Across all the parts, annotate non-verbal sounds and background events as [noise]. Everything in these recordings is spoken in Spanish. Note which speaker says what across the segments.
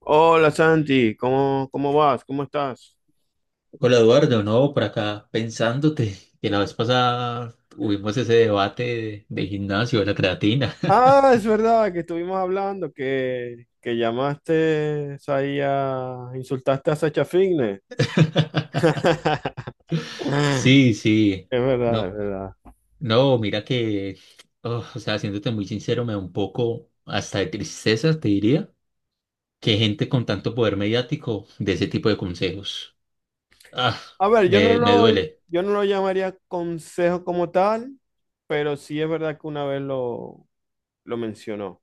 Speaker 1: Hola Santi, ¿cómo vas? ¿Cómo estás?
Speaker 2: Hola Eduardo, no, por acá pensándote [laughs] que la vez pasada tuvimos ese debate de gimnasio, de la creatina.
Speaker 1: Ah, es verdad que estuvimos hablando que llamaste ahí a insultaste a Sacha Fitness.
Speaker 2: [laughs]
Speaker 1: [laughs]
Speaker 2: Sí, sí,
Speaker 1: Es verdad,
Speaker 2: no,
Speaker 1: es verdad.
Speaker 2: no, mira que, oh, o sea, siéndote muy sincero, me da un poco hasta de tristeza, te diría, que gente con tanto poder mediático de ese tipo de consejos. Ah,
Speaker 1: A ver,
Speaker 2: me duele.
Speaker 1: yo no lo llamaría consejo como tal, pero sí es verdad que una vez lo mencionó.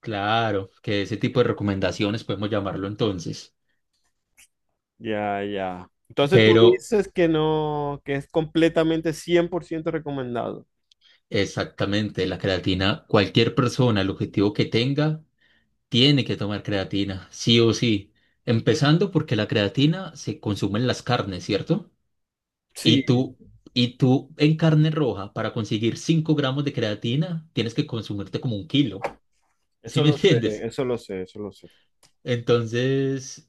Speaker 2: Claro, que ese tipo de recomendaciones podemos llamarlo entonces.
Speaker 1: Ya, ya. Entonces tú
Speaker 2: Pero
Speaker 1: dices que no, que es completamente 100% recomendado.
Speaker 2: exactamente, la creatina, cualquier persona, el objetivo que tenga, tiene que tomar creatina, sí o sí. Empezando porque la creatina se consume en las carnes, ¿cierto?
Speaker 1: Sí,
Speaker 2: Y tú, y tú en carne roja, para conseguir 5 gramos de creatina, tienes que consumirte como un kilo. ¿Sí
Speaker 1: eso
Speaker 2: me [laughs]
Speaker 1: lo sé,
Speaker 2: entiendes?
Speaker 1: eso lo sé, eso lo sé.
Speaker 2: Entonces,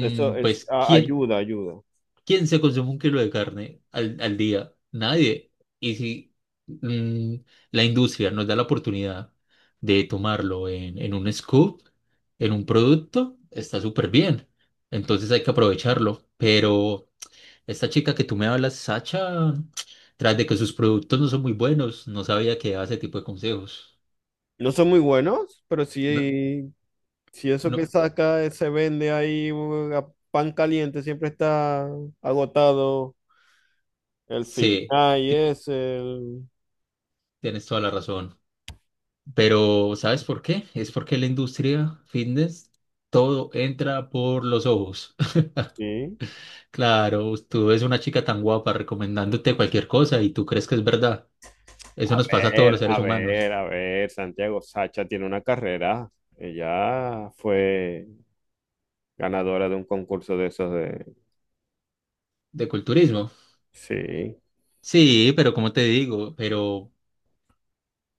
Speaker 1: Eso es,
Speaker 2: pues,
Speaker 1: ayuda, ayuda.
Speaker 2: ¿quién se consume un kilo de carne al día? Nadie. Y si mm, la industria nos da la oportunidad de tomarlo en un scoop, en un producto, está súper bien. Entonces hay que aprovecharlo. Pero esta chica que tú me hablas, Sacha, tras de que sus productos no son muy buenos, no sabía que daba ese tipo de consejos.
Speaker 1: No son muy buenos, pero
Speaker 2: No,
Speaker 1: sí, si eso que
Speaker 2: no,
Speaker 1: saca se vende ahí a pan caliente, siempre está agotado el fin.
Speaker 2: sí,
Speaker 1: Ah, y
Speaker 2: ti-
Speaker 1: es el...
Speaker 2: tienes toda la razón. Pero ¿sabes por qué? Es porque la industria fitness, todo entra por los ojos. [laughs]
Speaker 1: Sí.
Speaker 2: Claro, tú ves una chica tan guapa recomendándote cualquier cosa y tú crees que es verdad. Eso
Speaker 1: A
Speaker 2: nos pasa a todos los
Speaker 1: ver, a
Speaker 2: seres humanos.
Speaker 1: ver, a ver, Santiago Sacha tiene una carrera. Ella fue ganadora de un concurso de esos de...
Speaker 2: De culturismo.
Speaker 1: Sí.
Speaker 2: Sí, pero como te digo, pero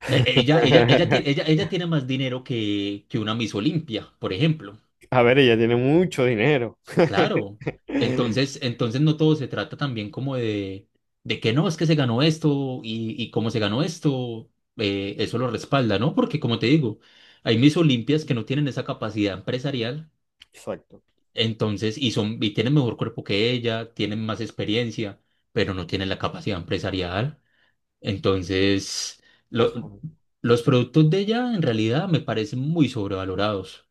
Speaker 2: ella, ella, ella tiene, ella,
Speaker 1: [laughs]
Speaker 2: ella tiene más dinero que una Miss Olimpia, por ejemplo.
Speaker 1: A ver, ella tiene mucho dinero.
Speaker 2: Claro,
Speaker 1: [laughs]
Speaker 2: entonces no todo se trata también como de que no, es que se ganó esto y cómo se ganó esto, eso lo respalda, ¿no? Porque como te digo, hay mis Olimpias que no tienen esa capacidad empresarial,
Speaker 1: Exacto.
Speaker 2: entonces, y son, y tienen mejor cuerpo que ella, tienen más experiencia, pero no tienen la capacidad empresarial. Entonces, lo-
Speaker 1: Eso,
Speaker 2: los productos de ella en realidad me parecen muy sobrevalorados.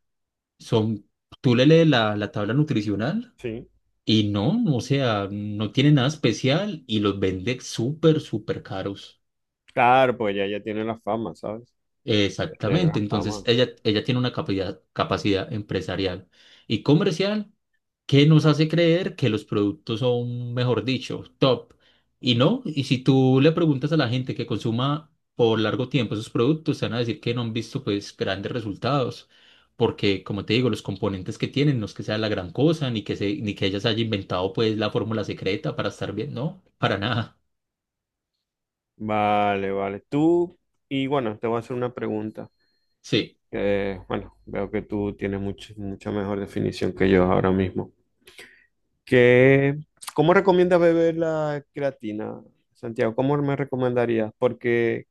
Speaker 2: Son, tú le lees la tabla nutricional.
Speaker 1: sí.
Speaker 2: Y no, o sea, no tiene nada especial y los vende súper, súper caros.
Speaker 1: Claro, pues ya, ya tiene la fama, ¿sabes? Ya tiene
Speaker 2: Exactamente,
Speaker 1: la
Speaker 2: entonces
Speaker 1: fama.
Speaker 2: ella tiene una capacidad empresarial y comercial que nos hace creer que los productos son, mejor dicho, top. Y no, y si tú le preguntas a la gente que consuma por largo tiempo esos productos, te van a decir que no han visto pues grandes resultados, porque como te digo, los componentes que tienen no es que sea la gran cosa, ni que ellas haya inventado pues la fórmula secreta para estar bien, no, para nada.
Speaker 1: Vale, vale. Tú, y bueno, te voy a hacer una pregunta.
Speaker 2: Sí,
Speaker 1: Que, bueno, veo que tú tienes mucha mejor definición que yo ahora mismo. ¿Qué, cómo recomiendas beber la creatina, Santiago? ¿Cómo me recomendarías? Porque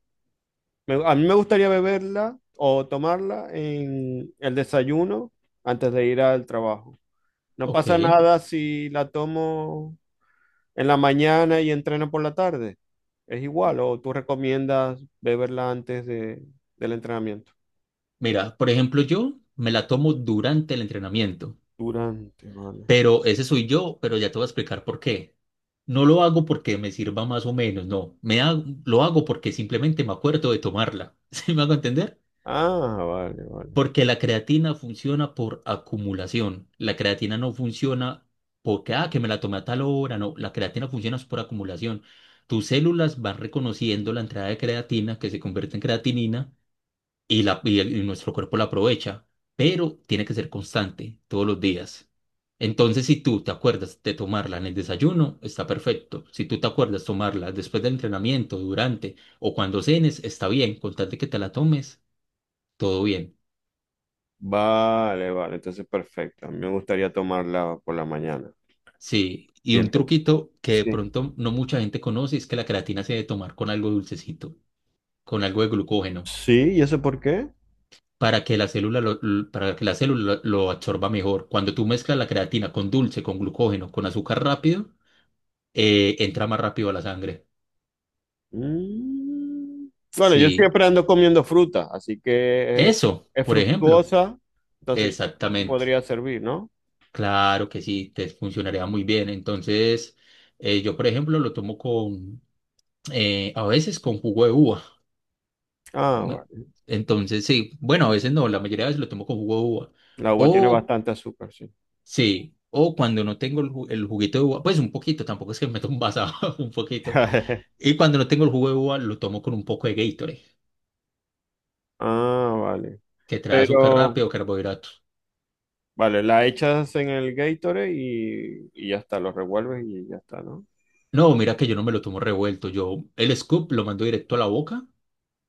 Speaker 1: a mí me gustaría beberla o tomarla en el desayuno antes de ir al trabajo. No
Speaker 2: ok.
Speaker 1: pasa nada si la tomo en la mañana y entreno por la tarde. ¿Es igual o tú recomiendas beberla antes del entrenamiento?
Speaker 2: Mira, por ejemplo, yo me la tomo durante el entrenamiento.
Speaker 1: Durante, vale.
Speaker 2: Pero ese soy yo, pero ya te voy a explicar por qué. No lo hago porque me sirva más o menos, no. Lo hago porque simplemente me acuerdo de tomarla. [laughs] ¿Sí me hago entender?
Speaker 1: Ah, vale, vale.
Speaker 2: Porque la creatina funciona por acumulación. La creatina no funciona porque, que me la tomé a tal hora. No, la creatina funciona es por acumulación. Tus células van reconociendo la entrada de creatina que se convierte en creatinina y nuestro cuerpo la aprovecha, pero tiene que ser constante todos los días. Entonces, si tú te acuerdas de tomarla en el desayuno, está perfecto. Si tú te acuerdas tomarla después del entrenamiento, durante o cuando cenes, está bien. Con tal de que te la tomes, todo bien.
Speaker 1: Vale, vale, entonces perfecto. A mí me gustaría tomarla por la mañana.
Speaker 2: Sí, y
Speaker 1: Bien.
Speaker 2: un truquito que de
Speaker 1: Sí.
Speaker 2: pronto no mucha gente conoce es que la creatina se debe tomar con algo dulcecito, con algo de glucógeno,
Speaker 1: Sí, ¿y eso por qué?
Speaker 2: para que la célula lo absorba mejor. Cuando tú mezclas la creatina con dulce, con glucógeno, con azúcar rápido, entra más rápido a la sangre.
Speaker 1: Mm. Bueno, yo
Speaker 2: Sí,
Speaker 1: siempre ando comiendo fruta, así que
Speaker 2: eso,
Speaker 1: es
Speaker 2: por ejemplo.
Speaker 1: fructuosa, entonces
Speaker 2: Exactamente.
Speaker 1: podría servir, ¿no?
Speaker 2: Claro que sí, te funcionaría muy bien. Entonces, yo, por ejemplo, lo tomo a veces con jugo de uva.
Speaker 1: Ah,
Speaker 2: Me-
Speaker 1: vale.
Speaker 2: Entonces, sí, bueno, a veces no, la mayoría de veces lo tomo con jugo de uva.
Speaker 1: La uva tiene
Speaker 2: O,
Speaker 1: bastante azúcar, sí.
Speaker 2: sí, o cuando no tengo el juguito de uva, pues un poquito, tampoco es que me [laughs] tomo un vaso, [laughs] un poquito.
Speaker 1: [laughs]
Speaker 2: Y cuando no tengo el jugo de uva, lo tomo con un poco de Gatorade,
Speaker 1: Ah, vale.
Speaker 2: que trae azúcar
Speaker 1: Pero...
Speaker 2: rápido o carbohidratos.
Speaker 1: Vale, la echas en el Gatorade y ya está, lo revuelves y ya está, ¿no?
Speaker 2: No, mira que yo no me lo tomo revuelto. Yo el scoop lo mando directo a la boca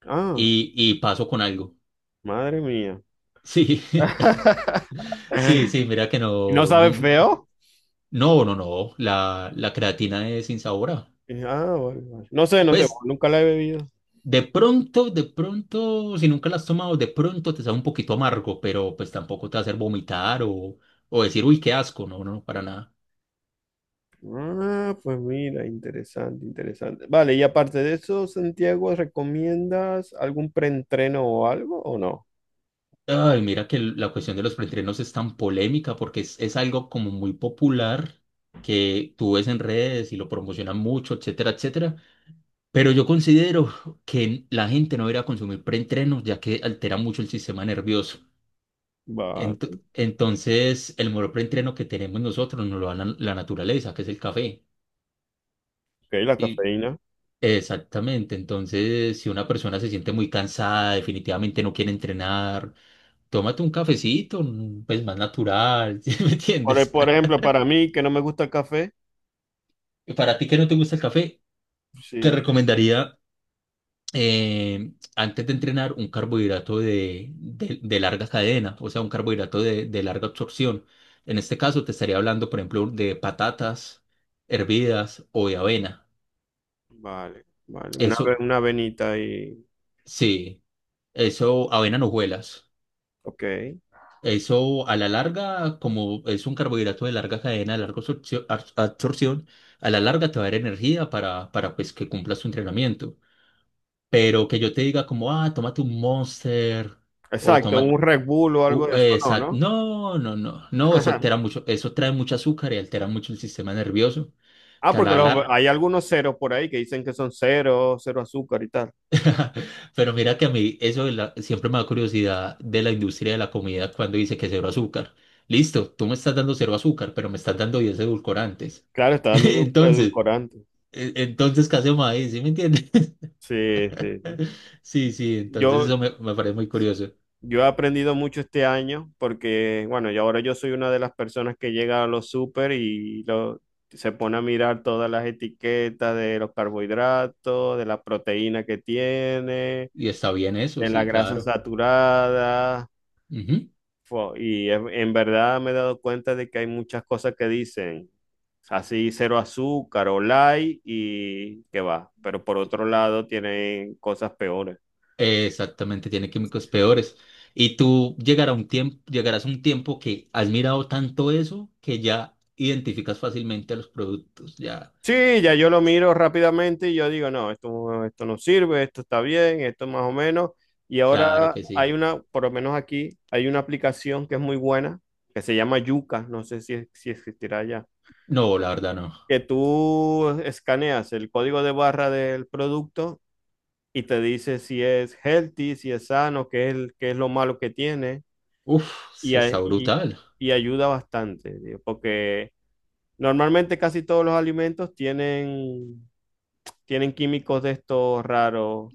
Speaker 1: Ah,
Speaker 2: y paso con algo.
Speaker 1: madre mía.
Speaker 2: Sí, [laughs]
Speaker 1: [laughs]
Speaker 2: sí, sí, mira que
Speaker 1: ¿Y ¿No
Speaker 2: no,
Speaker 1: sabe feo?
Speaker 2: no, no, no, la creatina es insabora.
Speaker 1: Ah, vale, vale. No sé, no sé,
Speaker 2: Pues
Speaker 1: nunca la he bebido.
Speaker 2: de pronto, si nunca la has tomado, de pronto te sabe un poquito amargo, pero pues tampoco te va a hacer vomitar o decir, uy, qué asco, no, no, no, para nada.
Speaker 1: Ah, pues mira, interesante, interesante. Vale, y aparte de eso, Santiago, ¿recomiendas algún preentreno o algo o no?
Speaker 2: Ay, mira que la cuestión de los preentrenos es tan polémica porque es algo como muy popular que tú ves en redes y lo promocionan mucho, etcétera, etcétera. Pero yo considero que la gente no debería consumir preentrenos ya que altera mucho el sistema nervioso. Ent-
Speaker 1: Vale,
Speaker 2: entonces, el mejor preentreno que tenemos nosotros nos lo da la naturaleza, que es el café.
Speaker 1: ok, la
Speaker 2: Y
Speaker 1: cafeína.
Speaker 2: exactamente. Entonces, si una persona se siente muy cansada, definitivamente no quiere entrenar. Tómate un cafecito, pues más natural, [laughs] ¿sí me entiendes?
Speaker 1: Por ejemplo, para mí, que no me gusta el café,
Speaker 2: [laughs] Para ti que no te gusta el café, te
Speaker 1: sí,
Speaker 2: recomendaría antes de entrenar un carbohidrato de larga cadena, o sea, un carbohidrato de larga absorción. En este caso te estaría hablando, por ejemplo, de patatas hervidas o de avena.
Speaker 1: vale, vale. Una,
Speaker 2: Eso,
Speaker 1: una venita y...
Speaker 2: sí, eso, avena en hojuelas.
Speaker 1: Ok.
Speaker 2: Eso a la larga, como es un carbohidrato de larga cadena, de larga absorción, a la larga te va a dar energía para pues, que cumplas tu entrenamiento. Pero que yo te diga como, tómate un Monster o
Speaker 1: Exacto,
Speaker 2: toma...
Speaker 1: un Red Bull o algo de eso, no, ¿no?
Speaker 2: No, no, no, no, eso altera mucho, eso trae mucho azúcar y altera mucho el sistema nervioso,
Speaker 1: Ah,
Speaker 2: que a
Speaker 1: porque
Speaker 2: la, lar-
Speaker 1: hay algunos ceros por ahí que dicen que son cero, cero azúcar y tal.
Speaker 2: [laughs] Pero mira que a mí eso siempre me da curiosidad de la industria de la comida cuando dice que cero azúcar. Listo, tú me estás dando cero azúcar, pero me estás dando 10 edulcorantes.
Speaker 1: Claro, está
Speaker 2: [laughs]
Speaker 1: dando
Speaker 2: Entonces,
Speaker 1: edulcorante.
Speaker 2: entonces, ¿qué hacemos ahí? ¿Sí me entiendes? [laughs]
Speaker 1: Sí, sí, sí.
Speaker 2: Sí, sí, entonces
Speaker 1: Yo,
Speaker 2: eso me parece muy curioso.
Speaker 1: yo he aprendido mucho este año porque, bueno, yo ahora yo soy una de las personas que llega a los súper y lo, se pone a mirar todas las etiquetas de los carbohidratos, de la proteína que tiene,
Speaker 2: Y está bien eso,
Speaker 1: de la
Speaker 2: sí,
Speaker 1: grasa
Speaker 2: claro.
Speaker 1: saturada.
Speaker 2: Ujú.
Speaker 1: Y en verdad me he dado cuenta de que hay muchas cosas que dicen así cero azúcar o light y que va, pero por otro lado tienen cosas peores.
Speaker 2: Exactamente, tiene químicos
Speaker 1: Sí.
Speaker 2: peores. Y tú llegará un tiempo, llegarás a un tiempo que has mirado tanto eso que ya identificas fácilmente los productos, ya.
Speaker 1: Sí, ya yo lo miro rápidamente y yo digo, no, esto no sirve, esto está bien, esto más o menos. Y
Speaker 2: Claro
Speaker 1: ahora
Speaker 2: que sí.
Speaker 1: hay una, por lo menos aquí, hay una aplicación que es muy buena, que se llama Yuka, no sé si existirá ya,
Speaker 2: No, la verdad no.
Speaker 1: que tú escaneas el código de barra del producto y te dice si es healthy, si es sano, qué es, qué es lo malo que tiene
Speaker 2: Uf,
Speaker 1: y,
Speaker 2: se
Speaker 1: a-
Speaker 2: está
Speaker 1: y-
Speaker 2: brutal.
Speaker 1: y ayuda bastante, tío, porque normalmente casi todos los alimentos tienen, tienen químicos de estos raros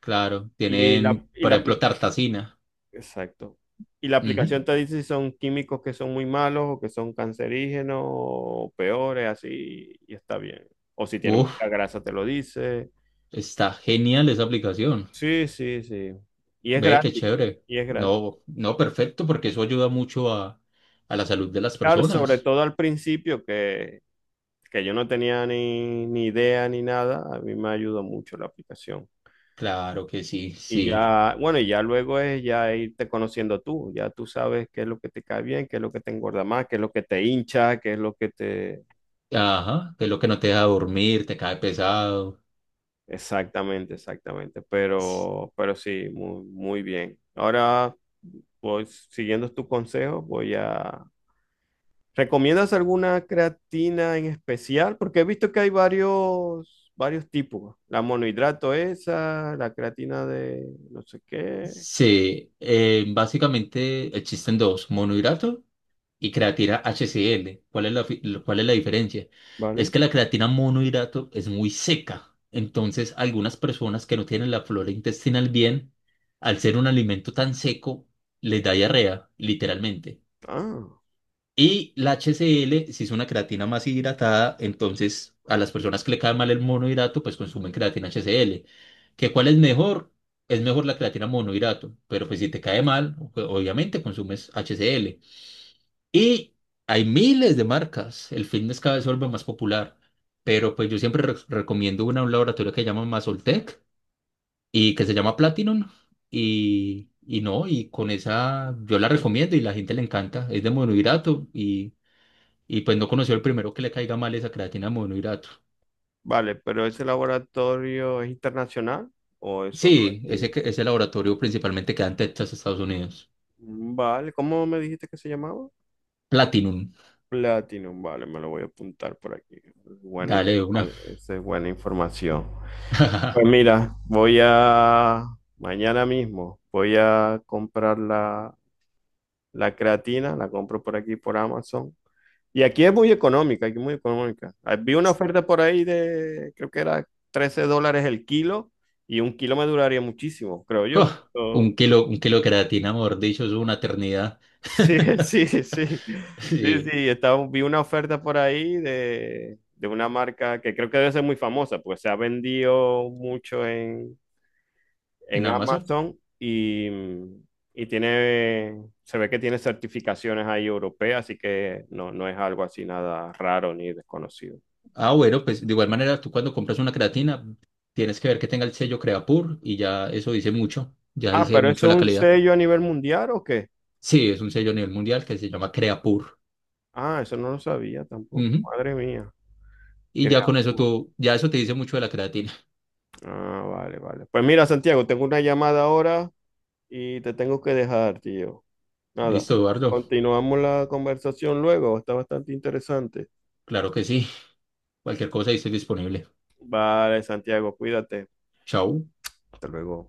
Speaker 2: Claro,
Speaker 1: y la,
Speaker 2: tienen,
Speaker 1: y
Speaker 2: por
Speaker 1: la,
Speaker 2: ejemplo,
Speaker 1: apli-
Speaker 2: Tartacina.
Speaker 1: exacto. Y la
Speaker 2: Ujú.
Speaker 1: aplicación te dice si son químicos que son muy malos o que son cancerígenos o peores, así, y está bien. O si tiene
Speaker 2: Uf,
Speaker 1: mucha grasa, te lo dice.
Speaker 2: está genial esa aplicación.
Speaker 1: Sí, sí, sí. Y es
Speaker 2: Ve, qué
Speaker 1: gratis.
Speaker 2: chévere.
Speaker 1: Y es gratis.
Speaker 2: No, no, perfecto, porque eso ayuda mucho a la salud de las
Speaker 1: Claro, sobre
Speaker 2: personas.
Speaker 1: todo al principio que yo no tenía ni, ni idea ni nada, a mí me ayudó mucho la aplicación.
Speaker 2: Claro que sí,
Speaker 1: Y
Speaker 2: sí.
Speaker 1: ya, bueno, y ya luego es ya irte conociendo tú, ya tú sabes qué es lo que te cae bien, qué es lo que te engorda más, qué es lo que te hincha, qué es lo que te...
Speaker 2: Ajá, que es lo que no te deja dormir, te cae pesado.
Speaker 1: Exactamente, exactamente,
Speaker 2: S-
Speaker 1: pero sí, muy, muy bien. Ahora, pues siguiendo tu consejo, voy a, ¿recomiendas alguna creatina en especial? Porque he visto que hay varios, varios tipos. La monohidrato esa, la creatina de no sé qué,
Speaker 2: Sí, básicamente existen dos, monohidrato y creatina HCl. ¿Cuál es la diferencia? Es
Speaker 1: ¿vale?
Speaker 2: que la creatina monohidrato es muy seca. Entonces, algunas personas que no tienen la flora intestinal bien, al ser un alimento tan seco, les da diarrea, literalmente.
Speaker 1: Ah,
Speaker 2: Y la HCl, si es una creatina más hidratada, entonces a las personas que le cae mal el monohidrato, pues consumen creatina HCl. ¿Que cuál es mejor? Es mejor la creatina monohidrato, pero pues si te cae mal, obviamente consumes HCl. Y hay miles de marcas. El fitness cada vez se vuelve más popular. Pero pues yo siempre recomiendo un laboratorio que se llama Masoltec y que se llama Platinum. Y no, y con esa yo la recomiendo y la gente le encanta. Es de monohidrato y pues no conoció el primero que le caiga mal esa creatina de monohidrato.
Speaker 1: vale, pero ese laboratorio es internacional o es solo
Speaker 2: Sí, ese,
Speaker 1: aquí.
Speaker 2: ese laboratorio principalmente queda en Texas, Estados Unidos.
Speaker 1: Mm, vale, ¿cómo me dijiste que se llamaba?
Speaker 2: Platinum.
Speaker 1: Platinum, vale, me lo voy a apuntar por aquí. Buena
Speaker 2: Dale de una.
Speaker 1: esa es buena información. Pues mira, voy a, mañana mismo, voy a comprar la La creatina la compro por aquí, por Amazon. Y aquí es muy económica, aquí es muy económica. Ah, vi una oferta por ahí de, creo que era $13 el kilo y un kilo me duraría muchísimo, creo
Speaker 2: [laughs] ¡Oh!
Speaker 1: yo.
Speaker 2: un
Speaker 1: Oh,
Speaker 2: kilo, un kilo de creatina, mejor dicho, es una eternidad.
Speaker 1: sí, [laughs] sí, sí.
Speaker 2: [laughs]
Speaker 1: Sí,
Speaker 2: Sí,
Speaker 1: sí, estaba, vi una oferta por ahí de una marca que creo que debe ser muy famosa, pues se ha vendido mucho
Speaker 2: en
Speaker 1: en
Speaker 2: Amazon.
Speaker 1: Amazon y tiene, se ve que tiene certificaciones ahí europeas, así que no, no es algo así nada raro ni desconocido.
Speaker 2: Ah, bueno, pues de igual manera, tú cuando compras una creatina, tienes que ver que tenga el sello Creapure y ya eso dice mucho, ya
Speaker 1: Ah, mm,
Speaker 2: dice
Speaker 1: pero
Speaker 2: mucho
Speaker 1: eso
Speaker 2: de
Speaker 1: es
Speaker 2: la
Speaker 1: un
Speaker 2: calidad.
Speaker 1: sello a nivel mundial o qué?
Speaker 2: Sí, es un sello a nivel mundial que se llama Creapure.
Speaker 1: Ah, eso no lo sabía tampoco.
Speaker 2: Ujú.
Speaker 1: Madre mía.
Speaker 2: Y ya
Speaker 1: Crea-
Speaker 2: con eso tú, ya eso te dice mucho de la creatina.
Speaker 1: Ah, vale, vale. Pues mira, Santiago, tengo una llamada ahora y te tengo que dejar, tío.
Speaker 2: [laughs]
Speaker 1: Nada.
Speaker 2: Listo, Eduardo.
Speaker 1: Continuamos la conversación luego. Está bastante interesante.
Speaker 2: Claro que sí. Cualquier cosa ahí estoy disponible.
Speaker 1: Vale, Santiago, cuídate.
Speaker 2: Chao.
Speaker 1: Hasta luego.